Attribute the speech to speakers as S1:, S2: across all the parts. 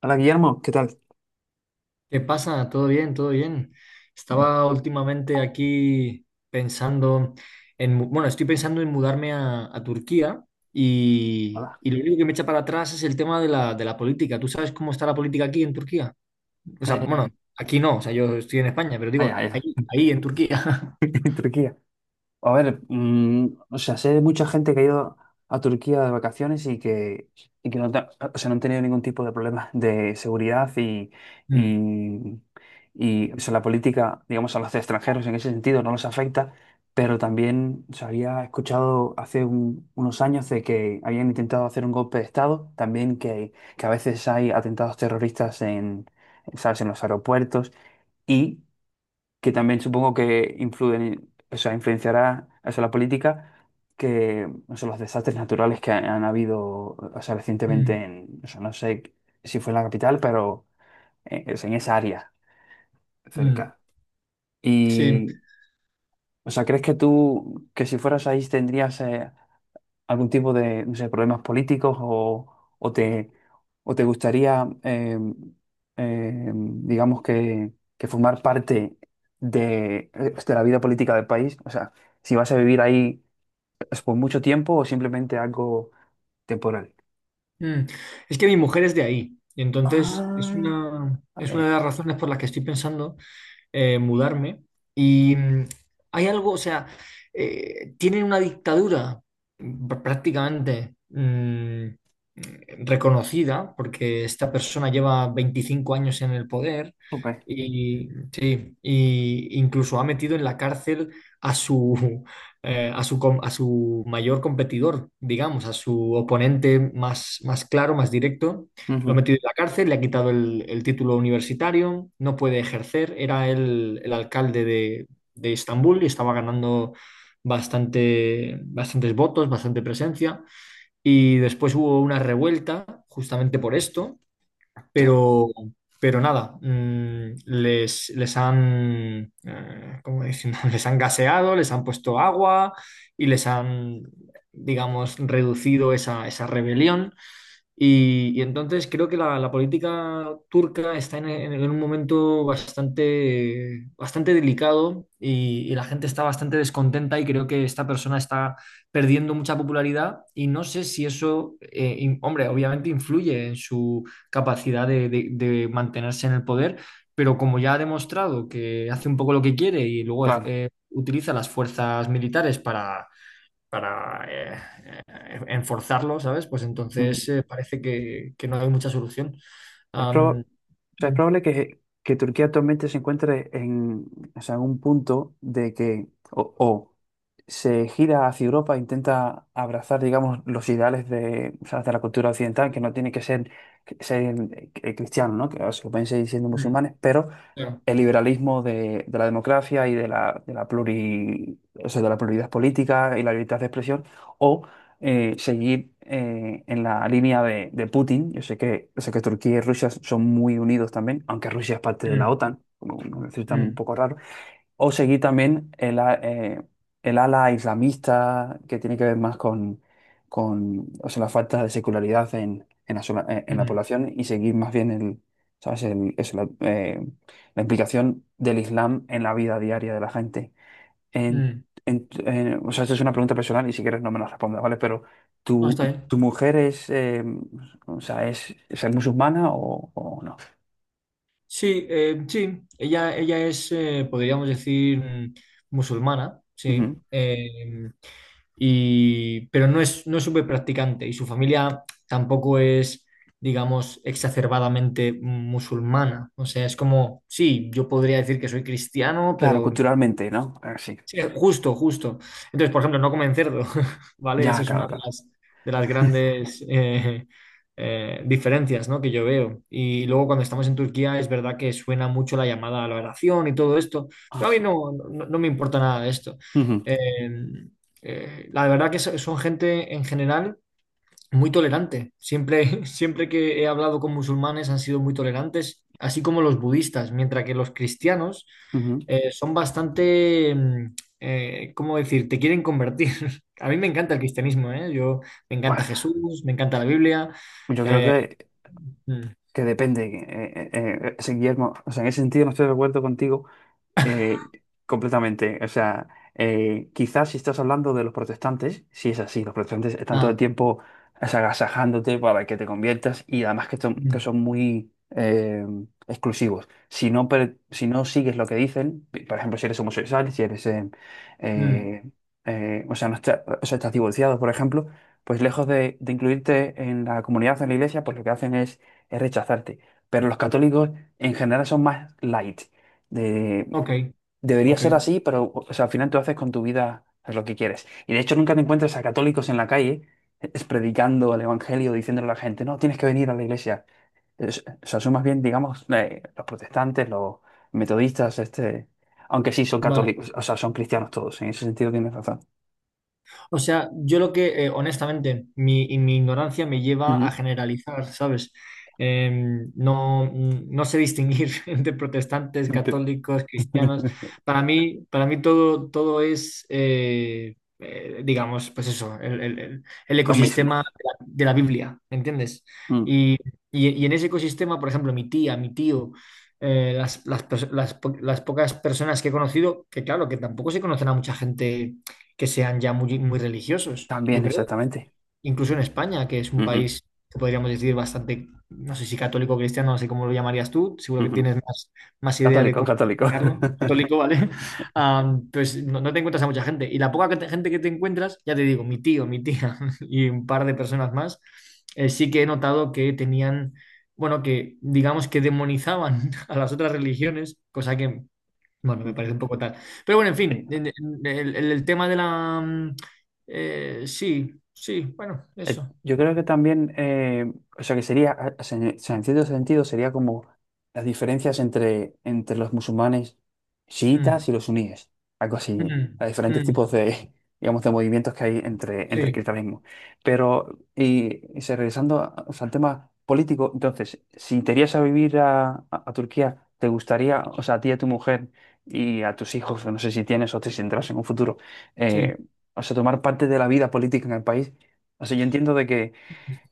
S1: Hola Guillermo, ¿qué tal?
S2: ¿Qué pasa? ¿Todo bien? ¿¿Todo bien? Estaba últimamente aquí pensando en, estoy pensando en mudarme a Turquía y,
S1: Hola.
S2: y lo único que me echa para atrás es el tema de la política. ¿Tú sabes cómo está la política aquí en Turquía? O sea,
S1: Eh,
S2: bueno, aquí no, o sea, yo estoy en España, pero
S1: vaya,
S2: digo,
S1: vaya,
S2: ahí en Turquía.
S1: en Turquía. A ver, o sea, sé de mucha gente que ha ido a Turquía de vacaciones y que no, o sea, no han tenido ningún tipo de problema de seguridad
S2: Mm,
S1: y, y o sea, la política, digamos, a los extranjeros en ese sentido no los afecta, pero también se había escuchado hace unos años de que habían intentado hacer un golpe de Estado, también que a veces hay atentados terroristas en, ¿sabes? En los aeropuertos. Y que también supongo que o sea, influenciará eso, la política, que o sea, los desastres naturales que han habido, o sea, recientemente
S2: mm,
S1: o sea, no sé si fue en la capital, pero o sea, en esa área
S2: mm,
S1: cerca.
S2: sí.
S1: Y, o sea, ¿crees que tú, que si fueras ahí, tendrías algún tipo de, no sé, problemas políticos o te, o te gustaría, digamos que formar parte de la vida política del país? O sea, si vas a vivir ahí es por mucho tiempo o simplemente algo temporal.
S2: Mm. Es que mi mujer es de ahí y entonces
S1: Ah, a
S2: es una de las
S1: ver.
S2: razones por las que estoy pensando mudarme. Y hay algo, o sea, tienen una dictadura, prácticamente reconocida, porque esta persona lleva 25 años en el poder
S1: Jope.
S2: y, sí, y incluso ha metido en la cárcel a su, a su mayor competidor, digamos, a su oponente más, más claro, más directo. Lo ha
S1: Ujú.
S2: metido en la cárcel, le ha quitado el título universitario, no puede ejercer. Era el alcalde de Estambul y estaba ganando bastante, bastantes votos, bastante presencia. Y después hubo una revuelta justamente por esto,
S1: Ya,
S2: pero, pero nada, ¿cómo decir? Les han gaseado, les han puesto agua y digamos, reducido esa rebelión. Y entonces creo que la política turca está en un momento bastante, bastante delicado y la gente está bastante descontenta y creo que esta persona está perdiendo mucha popularidad y no sé si eso, hombre, obviamente influye en su capacidad de mantenerse en el poder, pero como ya ha demostrado que hace un poco lo que quiere y luego
S1: claro.
S2: utiliza las fuerzas militares para enforzarlo, ¿sabes? Pues entonces parece que no hay mucha solución.
S1: Es, prob- o
S2: Am,
S1: es
S2: mm,
S1: probable que Turquía actualmente se encuentre en, o sea, en un punto de que o se gira hacia Europa e intenta abrazar, digamos, los ideales de, o sea, de la cultura occidental, que no tiene que ser, cristiano, ¿no? Que o sea, pueden seguir siendo
S2: mm,
S1: musulmanes, pero
S2: claro.
S1: el liberalismo de la democracia y de la pluralidad política y la libertad de expresión, o seguir en la línea de Putin. Yo sé que Turquía y Rusia son muy unidos también, aunque Rusia es parte de la
S2: Mm,
S1: OTAN, como nos resulta un
S2: mm,
S1: poco raro o seguir también el ala islamista, que tiene que ver más con o sea, la falta de secularidad en
S2: mm,
S1: en la
S2: mm.
S1: población y seguir más bien el, ¿sabes? Eso, la implicación del Islam en la vida diaria de la gente. En-
S2: Mm.
S1: o sea, esta es una pregunta personal y si quieres no me la respondas, ¿vale? Pero,
S2: No,
S1: ¿tu,
S2: está bien.
S1: tu mujer es, o sea, es musulmana o no?
S2: Sí, sí, ella es, podríamos decir, musulmana,
S1: Ujú.
S2: sí, y, pero no es, no es súper practicante y su familia tampoco es, digamos, exacerbadamente musulmana. O sea, es como, sí, yo podría decir que soy cristiano,
S1: Claro,
S2: pero
S1: culturalmente, ¿no? Ah, sí.
S2: sí, justo, justo. Entonces, por ejemplo, no comen cerdo, ¿vale? Eso
S1: Ya,
S2: es una
S1: claro, claro.
S2: de las grandes diferencias, ¿no? Que yo veo. Y luego cuando estamos en Turquía es verdad que suena mucho la llamada a la oración y todo esto,
S1: Ah,
S2: pero a mí
S1: sí.
S2: no, no, no me importa nada de esto.
S1: Ujú,
S2: Eh, la verdad que son gente en general muy tolerante. Siempre, siempre que he hablado con musulmanes han sido muy tolerantes, así como los budistas, mientras que los cristianos
S1: ujú.
S2: son bastante, ¿cómo decir? Te quieren convertir. A mí me encanta el cristianismo, ¿eh? Yo, me encanta
S1: Bueno,
S2: Jesús, me encanta la Biblia.
S1: yo creo
S2: eh, mm,
S1: que depende, ese Guillermo. O sea, en ese sentido no estoy de acuerdo contigo. Eh, Completamente. O sea, quizás si estás hablando de los protestantes, si es así, los protestantes están todo el
S2: ah,
S1: tiempo agasajándote para que te conviertas y además que
S2: mm,
S1: son muy exclusivos. Si no, si no sigues lo que dicen, por ejemplo, si eres homosexual, si eres,
S2: mm,
S1: eh, o sea, no está- o sea, estás divorciado, por ejemplo, pues lejos de incluirte en la comunidad, en la iglesia, pues lo que hacen es rechazarte. Pero los católicos en general son más light.
S2: ok,
S1: Debería
S2: ok,
S1: ser así, pero o sea, al final tú haces con tu vida pues, lo que quieres. Y de hecho nunca te encuentras a católicos en la calle es predicando el evangelio, diciéndole a la gente, no, tienes que venir a la iglesia. O sea, son más bien, digamos, los protestantes, los metodistas, este, aunque sí son
S2: vale.
S1: católicos, o sea, son cristianos todos, en ese sentido tienes razón.
S2: O sea, yo lo que, honestamente, mi ignorancia me lleva a
S1: Ujú.
S2: generalizar, ¿sabes? Eh, no, no sé distinguir entre protestantes,
S1: Ente-
S2: católicos, cristianos. Para mí todo, todo es, digamos, pues eso, el
S1: Lo mismo.
S2: ecosistema de la Biblia, ¿entiendes?
S1: Mm.
S2: Y, y en ese ecosistema, por ejemplo, mi tía, mi tío, las, las pocas personas que he conocido, que claro, que tampoco se conocen a mucha gente que sean ya muy, muy religiosos, yo
S1: También,
S2: creo.
S1: exactamente.
S2: Incluso en España, que es un
S1: Ujú,
S2: país que podríamos decir bastante, no sé si católico o cristiano, no sé cómo lo llamarías tú, seguro que
S1: ujú.
S2: tienes más, más idea de
S1: Católico,
S2: cómo
S1: católico.
S2: llamarlo, católico, ¿vale? Ah, pues no, no te encuentras a mucha gente. Y la poca gente que te encuentras, ya te digo, mi tío, mi tía y un par de personas más, sí que he notado que tenían, bueno, que digamos que demonizaban a las otras religiones, cosa que bueno, me
S1: Mm.
S2: parece un poco tal. Pero bueno, en
S1: Sí.
S2: fin, el, el tema de la... sí, sí, bueno, eso.
S1: Yo creo que también, o sea, que sería, o sea, en cierto sentido, sería como las diferencias entre, entre los musulmanes
S2: Mm,
S1: chiitas y los suníes, algo así,
S2: mm,
S1: a diferentes
S2: mm,
S1: tipos de, digamos, de movimientos que hay entre, entre el
S2: sí,
S1: cristianismo. Pero, y, regresando o sea, al tema político, entonces, si te irías a vivir a, a Turquía, ¿te gustaría, o sea, a ti y a tu mujer y a tus hijos, no sé si tienes o te si tendrás en un futuro,
S2: sí.
S1: eh, o sea, tomar parte de la vida política en el país? O sea, yo entiendo de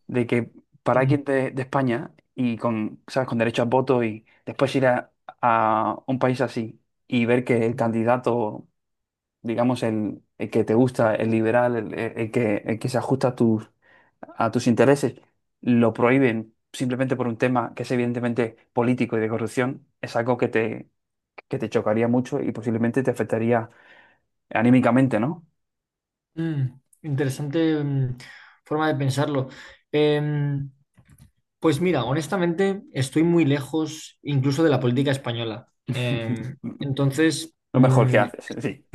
S1: de que para
S2: Mm,
S1: alguien de España y con, ¿sabes? Con derecho a voto y después ir a un país así y ver que el candidato, digamos, el que te gusta, el liberal, el que se ajusta a tus intereses, lo prohíben simplemente por un tema que es evidentemente político y de corrupción, es algo que te chocaría mucho y posiblemente te afectaría anímicamente, ¿no?
S2: mm. Interesante, forma de pensarlo. Em, pues mira, honestamente estoy muy lejos incluso de la política española. Entonces,
S1: Lo mejor que haces, sí.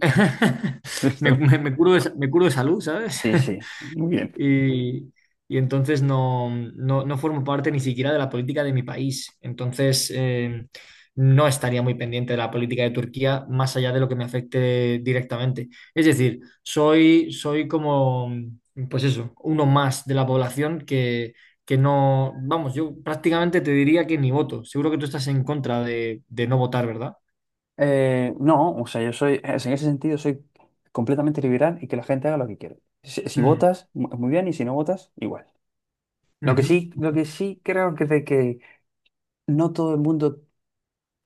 S1: Listo.
S2: me curo de, me curo de salud, ¿sabes?
S1: Sí, sí, muy bien.
S2: y, y entonces no, no, no formo parte ni siquiera de la política de mi país. Entonces, no estaría muy pendiente de la política de Turquía más allá de lo que me afecte directamente. Es decir, soy, soy como, pues eso, uno más de la población que no, vamos, yo prácticamente te diría que ni voto. Seguro que tú estás en contra de no votar, ¿verdad?
S1: No, o sea, yo soy, en ese sentido soy completamente liberal y que la gente haga lo que quiere. Si, si
S2: Mm,
S1: votas, muy bien, y si no votas, igual.
S2: ujú,
S1: Lo que sí creo que de que no todo el mundo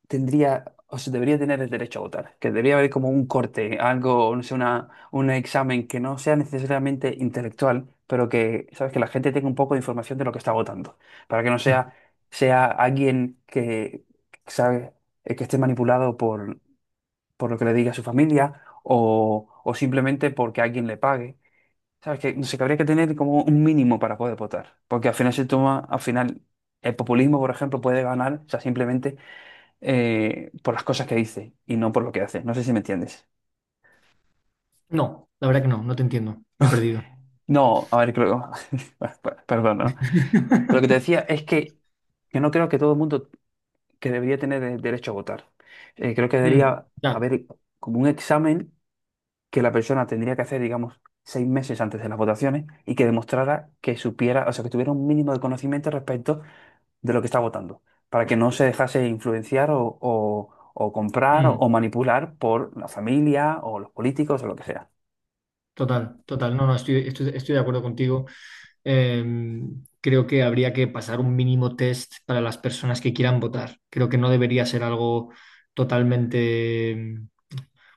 S1: tendría, o sea, debería tener el derecho a votar, que debería haber como un corte, algo, no sé, una, un examen que no sea necesariamente intelectual, pero que, sabes, que la gente tenga un poco de información de lo que está votando, para que no
S2: ujú.
S1: sea alguien que, sabe, que esté manipulado por lo que le diga a su familia o simplemente porque alguien le pague. ¿Sabes? Que no sé, que habría que tener como un mínimo para poder votar. Porque al final se toma, al final, el populismo, por ejemplo, puede ganar, o sea, simplemente por las cosas que dice y no por lo que hace. No sé si me entiendes.
S2: No, la verdad que no, no te entiendo. Me he perdido.
S1: No, a ver, creo. Perdón, ¿no? Pero lo que te decía es que yo no creo que todo el mundo que debería tener el derecho a votar. Creo que
S2: Mm,
S1: debería
S2: claro.
S1: haber como un examen que la persona tendría que hacer, digamos, 6 meses antes de las votaciones y que demostrara que supiera, o sea, que tuviera un mínimo de conocimiento respecto de lo que está votando, para que no se dejase influenciar o, o comprar
S2: Mm.
S1: o manipular por la familia o los políticos o lo que sea.
S2: Total, total. No, no, estoy, estoy, estoy de acuerdo contigo. Eh, Creo que habría que pasar un mínimo test para las personas que quieran votar. Creo que no debería ser algo totalmente...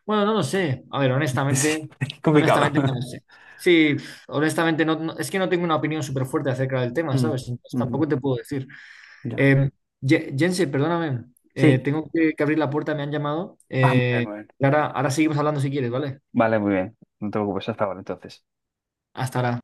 S2: Bueno, no lo sé. A ver,
S1: Sí,
S2: honestamente,
S1: es complicado.
S2: honestamente no lo sé. Sí, honestamente, no, es que no tengo una opinión súper fuerte acerca del tema,
S1: Mm,
S2: ¿sabes? Entonces, tampoco
S1: ujú,
S2: te puedo decir.
S1: ya.
S2: Eh, Ye- Jense, perdóname.
S1: Sí.
S2: Tengo que abrir la puerta, me han llamado.
S1: Ah, muy bien, muy bien.
S2: Clara, ahora seguimos hablando si quieres, ¿vale?
S1: Vale, muy bien. No te preocupes, hasta ahora entonces.
S2: Hasta ahora.